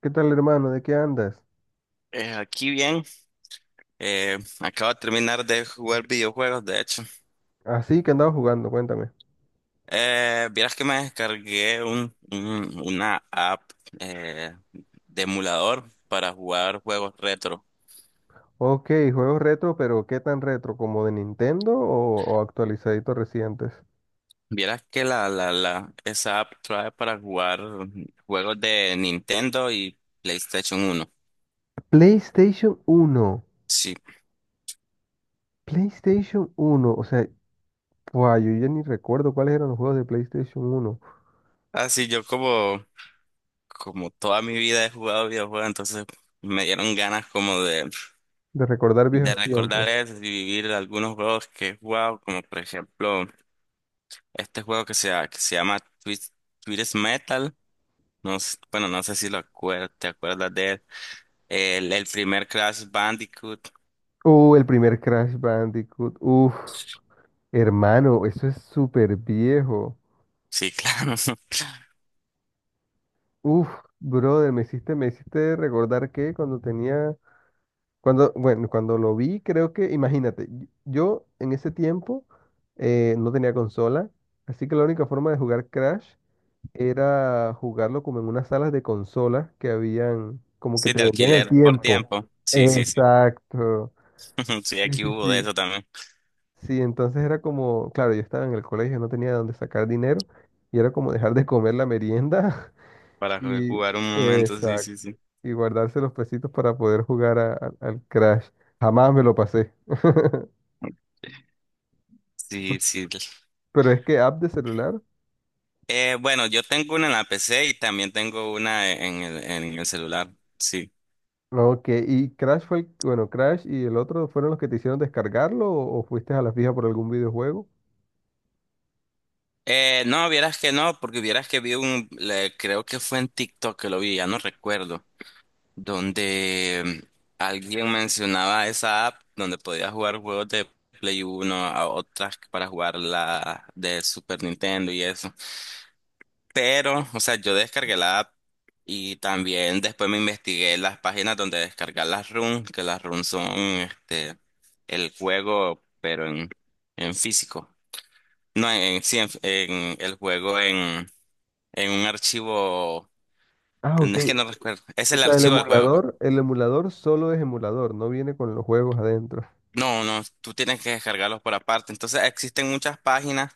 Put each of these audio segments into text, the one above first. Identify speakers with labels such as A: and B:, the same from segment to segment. A: ¿Qué tal, hermano? ¿De qué andas?
B: Aquí bien, acabo de terminar de jugar videojuegos, de hecho.
A: Así que andaba jugando, cuéntame.
B: Vieras que me descargué una app eh, de emulador para jugar juegos retro.
A: Ok, juegos retro, pero ¿qué tan retro? ¿Como de Nintendo o actualizaditos recientes?
B: Vieras que esa app trae para jugar juegos de Nintendo y PlayStation uno.
A: PlayStation uno.
B: Sí,
A: PlayStation uno. O sea, guau, yo ya ni recuerdo cuáles eran los juegos de PlayStation uno.
B: así yo como toda mi vida he jugado videojuegos, entonces me dieron ganas como de...
A: De recordar
B: de
A: viejos tiempos.
B: recordar eso y vivir algunos juegos que he jugado, como por ejemplo este juego que se llama Twist Metal. No, bueno, no sé si te acuerdas de él. El primer Crash Bandicoot.
A: El primer Crash Bandicoot. Uf, hermano, eso es súper viejo.
B: Sí, claro.
A: Uf, brother, me hiciste recordar que cuando tenía, cuando, bueno, cuando lo vi, creo que, imagínate, yo en ese tiempo no tenía consola, así que la única forma de jugar Crash era jugarlo como en unas salas de consolas que habían, como que
B: Sí,
A: te
B: de
A: vendían el
B: alquiler por
A: tiempo.
B: tiempo. Sí, sí, sí.
A: Exacto.
B: Sí,
A: Sí,
B: aquí
A: sí,
B: hubo de
A: sí.
B: eso también.
A: Sí, entonces era como, claro, yo estaba en el colegio, no tenía de dónde sacar dinero, y era como dejar de comer la merienda
B: Para
A: y...
B: jugar un momento, sí,
A: Exacto,
B: sí, sí.
A: y guardarse los pesitos para poder jugar al Crash. Jamás me lo pasé.
B: Sí, sí.
A: Pero es que app de celular.
B: Bueno, yo tengo una en la PC y también tengo una en el celular. Sí.
A: Ok, y Crash fue el, bueno, Crash y el otro fueron los que te hicieron descargarlo o fuiste a la fija por algún videojuego.
B: No, vieras que no, porque vieras que vi creo que fue en TikTok que lo vi, ya no recuerdo, donde alguien mencionaba esa app donde podías jugar juegos de Play uno a otras para jugar la de Super Nintendo y eso. Pero, o sea, yo descargué la app y también después me investigué las páginas donde descargar las ROM, que las ROM son este el juego, pero en físico. No, en, sí, en el juego en un archivo,
A: Ah, ok.
B: no es que no recuerdo, es
A: O
B: el
A: sea, el
B: archivo del juego, pues.
A: emulador, el emulador solo es emulador, no viene con los juegos adentro.
B: No, no, tú tienes que descargarlos por aparte. Entonces existen muchas páginas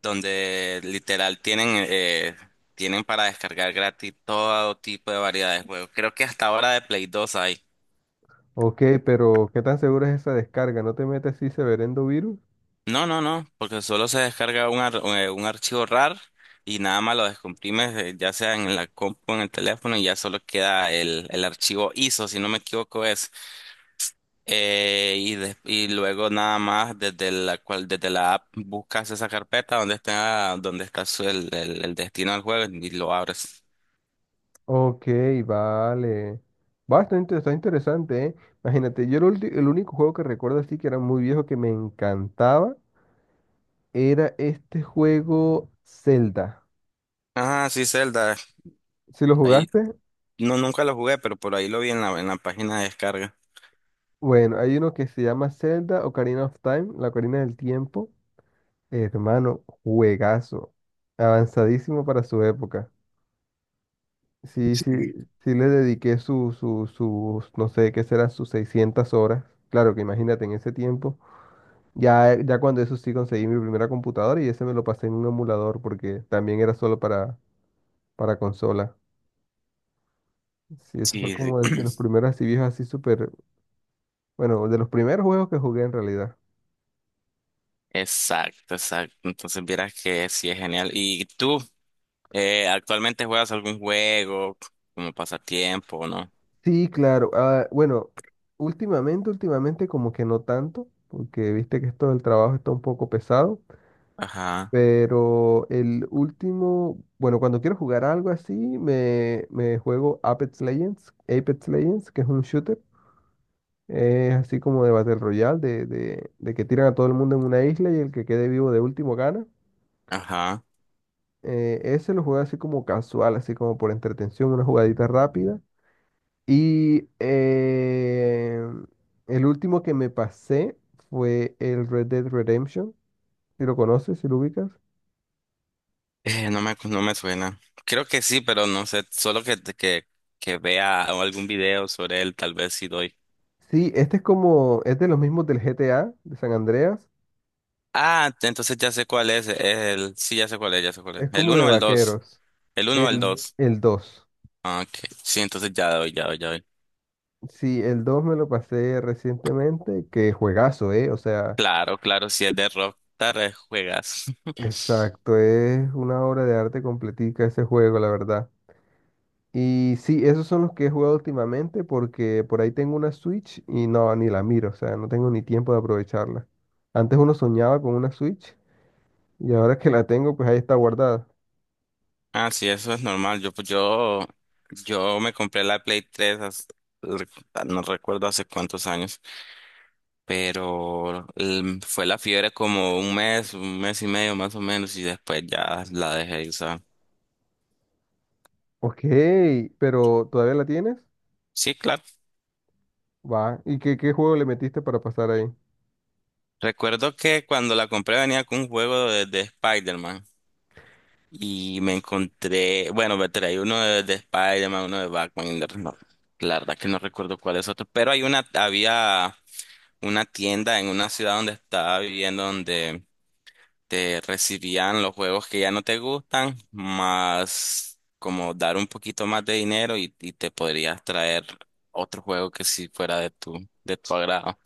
B: donde literal tienen para descargar gratis todo tipo de variedad de juegos. Creo que hasta ahora de Play 2 hay.
A: Ok, pero ¿qué tan segura es esa descarga? ¿No te metes así severendo virus?
B: No, no, no, porque solo se descarga un archivo RAR y nada más lo descomprimes, ya sea en la compu, en el teléfono, y ya solo queda el archivo ISO, si no me equivoco es. Y, y luego nada más desde la app buscas esa carpeta donde está el destino del juego y lo abres.
A: Ok, vale. Bastante, está está interesante, ¿eh? Imagínate, yo el único juego que recuerdo así que era muy viejo que me encantaba era este juego Zelda.
B: Ajá, sí, Zelda.
A: ¿Si lo
B: Ahí
A: jugaste?
B: no nunca lo jugué, pero por ahí lo vi en la página de descarga.
A: Bueno, hay uno que se llama Zelda Ocarina of Time, la Ocarina del Tiempo. Hermano, juegazo. Avanzadísimo para su época. Sí, sí, sí, le dediqué no sé qué serán, sus 600 horas. Claro que imagínate, en ese tiempo. Ya, ya cuando eso sí conseguí mi primera computadora y ese me lo pasé en un emulador porque también era solo para consola. Sí, ese fue
B: Sí, sí.
A: como de los primeros así viejos, así súper, bueno, de los primeros juegos que jugué en realidad.
B: Exacto, exacto. Entonces vieras que sí es genial. ¿Y tú actualmente juegas algún juego como pasatiempo, no?
A: Sí, claro. Ah, bueno, últimamente, últimamente como que no tanto, porque viste que esto del trabajo está un poco pesado,
B: Ajá,
A: pero el último, bueno, cuando quiero jugar algo así, me juego Apex Legends, Apex Legends, que es un shooter. Es así como de Battle Royale, de que tiran a todo el mundo en una isla y el que quede vivo de último gana.
B: ajá.
A: Ese lo juega así como casual, así como por entretención, una jugadita rápida. Y el último que me pasé fue el Red Dead Redemption, si lo conoces, si lo ubicas.
B: No me suena. Creo que sí, pero no sé. Solo que vea algún video sobre él, tal vez sí doy.
A: Sí, este es como, es de los mismos del GTA, de San Andreas.
B: Ah, entonces ya sé cuál es. Sí, ya sé cuál es, ya sé cuál es.
A: Es
B: ¿El
A: como de
B: uno o el dos?
A: vaqueros.
B: El uno o el
A: El,
B: dos.
A: el dos.
B: Ah, ok, sí, entonces ya doy, ya doy, ya doy.
A: Sí, el 2 me lo pasé recientemente, que juegazo, ¿eh? O sea.
B: Claro, claro, si es de Rockstar, juegas.
A: Exacto, es una obra de arte completica ese juego, la verdad. Y sí, esos son los que he jugado últimamente porque por ahí tengo una Switch y no, ni la miro, o sea, no tengo ni tiempo de aprovecharla. Antes uno soñaba con una Switch y ahora que la tengo, pues ahí está guardada.
B: Ah, sí, eso es normal. Yo, pues, yo me compré la Play 3 no recuerdo hace cuántos años. Pero fue la fiebre como un mes y medio más o menos, y después ya la dejé de usar.
A: Ok, pero ¿todavía la tienes?
B: Sí, claro.
A: Va. ¿Y qué juego le metiste para pasar ahí?
B: Recuerdo que cuando la compré venía con un juego de Spider-Man y me encontré, bueno, me traí uno de Spider-Man, uno de Batman, y no, la verdad que no recuerdo cuál es otro, pero había una tienda en una ciudad donde estaba viviendo donde te recibían los juegos que ya no te gustan, más como dar un poquito más de dinero y te podrías traer otro juego que sí fuera de tu agrado.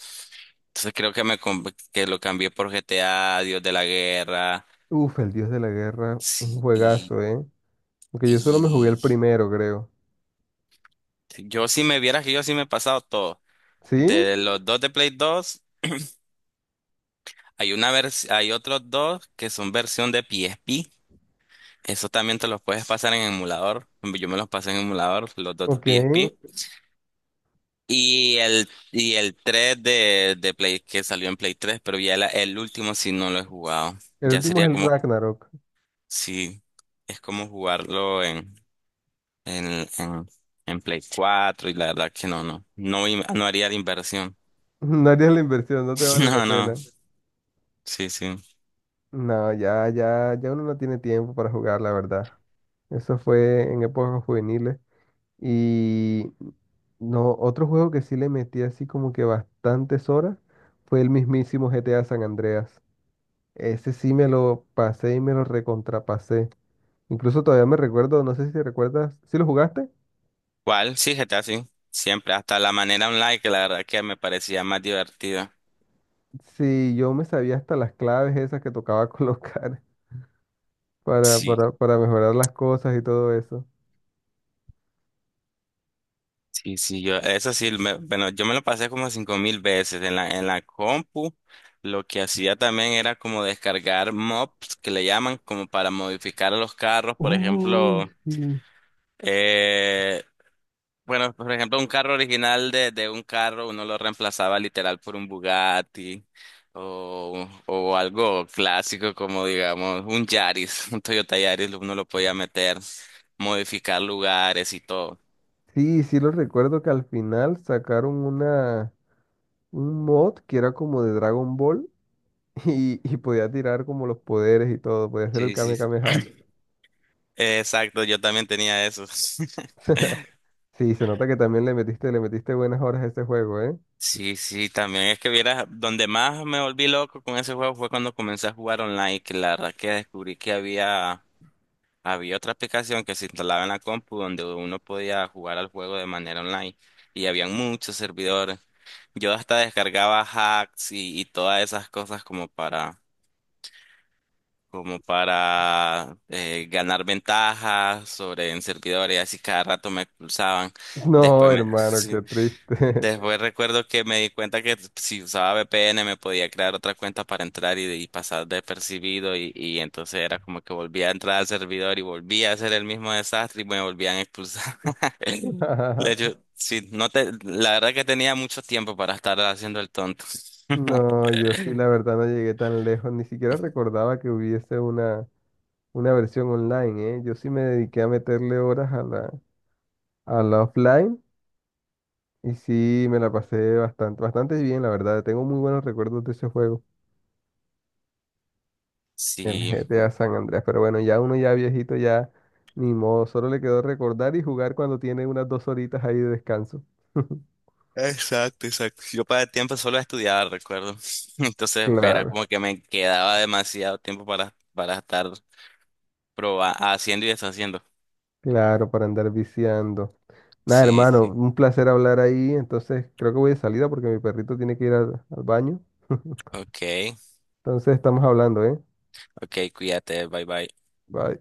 B: Entonces creo que que lo cambié por GTA, Dios de la Guerra.
A: Uf, El Dios de la Guerra, un
B: Sí, y,
A: juegazo, ¿eh? Porque yo solo me jugué el
B: y
A: primero, creo.
B: yo si me vieras que yo sí me he pasado todo.
A: ¿Sí?
B: De los dos de Play 2 hay otros dos que son versión de PSP. Eso también te los puedes pasar en emulador. Yo me los pasé en emulador, los dos de
A: Ok.
B: PSP.
A: El
B: Y el 3 de Play que salió en Play 3 pero el último sí no lo he jugado. Ya
A: último
B: sería
A: es el
B: como,
A: Ragnarok.
B: sí, es como jugarlo en, en, en Play 4 y la verdad que no, no. No, no haría la inversión.
A: No harías la inversión, no te vale la
B: No, no,
A: pena.
B: sí, sí.
A: No, ya, ya, ya uno no tiene tiempo para jugar, la verdad. Eso fue en épocas juveniles. Y no, otro juego que sí le metí así como que bastantes horas fue el mismísimo GTA San Andreas. Ese sí me lo pasé y me lo recontrapasé. Incluso todavía me recuerdo, no sé si te recuerdas, ¿si lo jugaste?
B: ¿Cuál? Sí, GTA, sí. Siempre, hasta la manera online que la verdad que me parecía más divertida.
A: Sí, yo me sabía hasta las claves esas que tocaba colocar para,
B: Sí.
A: para, para mejorar las cosas y todo eso.
B: Sí, sí, yo, eso sí, bueno, yo me lo pasé como 5000 veces en la compu. Lo que hacía también era como descargar mobs que le llaman como para modificar a los carros.
A: Uy, sí.
B: Eh, bueno, por ejemplo, un carro original de un carro, uno lo reemplazaba literal por un Bugatti o algo clásico como, digamos, un Yaris, un Toyota Yaris, uno lo podía meter, modificar lugares y todo.
A: Sí, sí lo recuerdo que al final sacaron un mod que era como de Dragon Ball y podía tirar como los poderes y todo, podía hacer el
B: Sí, sí,
A: Kame
B: sí.
A: Kameha.
B: Exacto, yo también tenía eso.
A: Sí, se nota que también le metiste buenas horas a ese juego, ¿eh?
B: Sí, sí, también es que vieras, donde más me volví loco con ese juego fue cuando comencé a jugar online, que la verdad que descubrí que había otra aplicación que se instalaba en la compu donde uno podía jugar al juego de manera online y habían muchos servidores. Yo hasta descargaba hacks y todas esas cosas como para ganar ventajas sobre en servidores, así cada rato me expulsaban.
A: No,
B: Después me,
A: hermano, qué triste.
B: Después recuerdo que me di cuenta que si usaba VPN me podía crear otra cuenta para entrar y pasar despercibido y entonces era como que volvía a entrar al servidor y volvía a hacer el mismo desastre y me volvían a expulsar. Sí, no te, la verdad que tenía mucho tiempo para estar haciendo el tonto.
A: No, yo sí, la verdad no llegué tan lejos, ni siquiera recordaba que hubiese una versión online, ¿eh? Yo sí me dediqué a meterle horas a la offline. Y sí, me la pasé bastante, bastante bien, la verdad. Tengo muy buenos recuerdos de ese juego, el
B: Sí,
A: GTA San Andreas. Pero bueno, ya uno ya viejito, ya ni modo, solo le quedó recordar y jugar cuando tiene unas 2 horitas ahí de descanso.
B: exacto, exacto. Yo para el tiempo solo estudiaba, recuerdo. Entonces era
A: Claro,
B: como que me quedaba demasiado tiempo para estar haciendo y deshaciendo.
A: claro, para andar viciando. Nada,
B: Sí,
A: hermano,
B: sí.
A: un placer hablar ahí. Entonces, creo que voy de salida porque mi perrito tiene que ir al baño.
B: Ok.
A: Entonces, estamos hablando, ¿eh?
B: Ok, cuídate, bye bye.
A: Bye.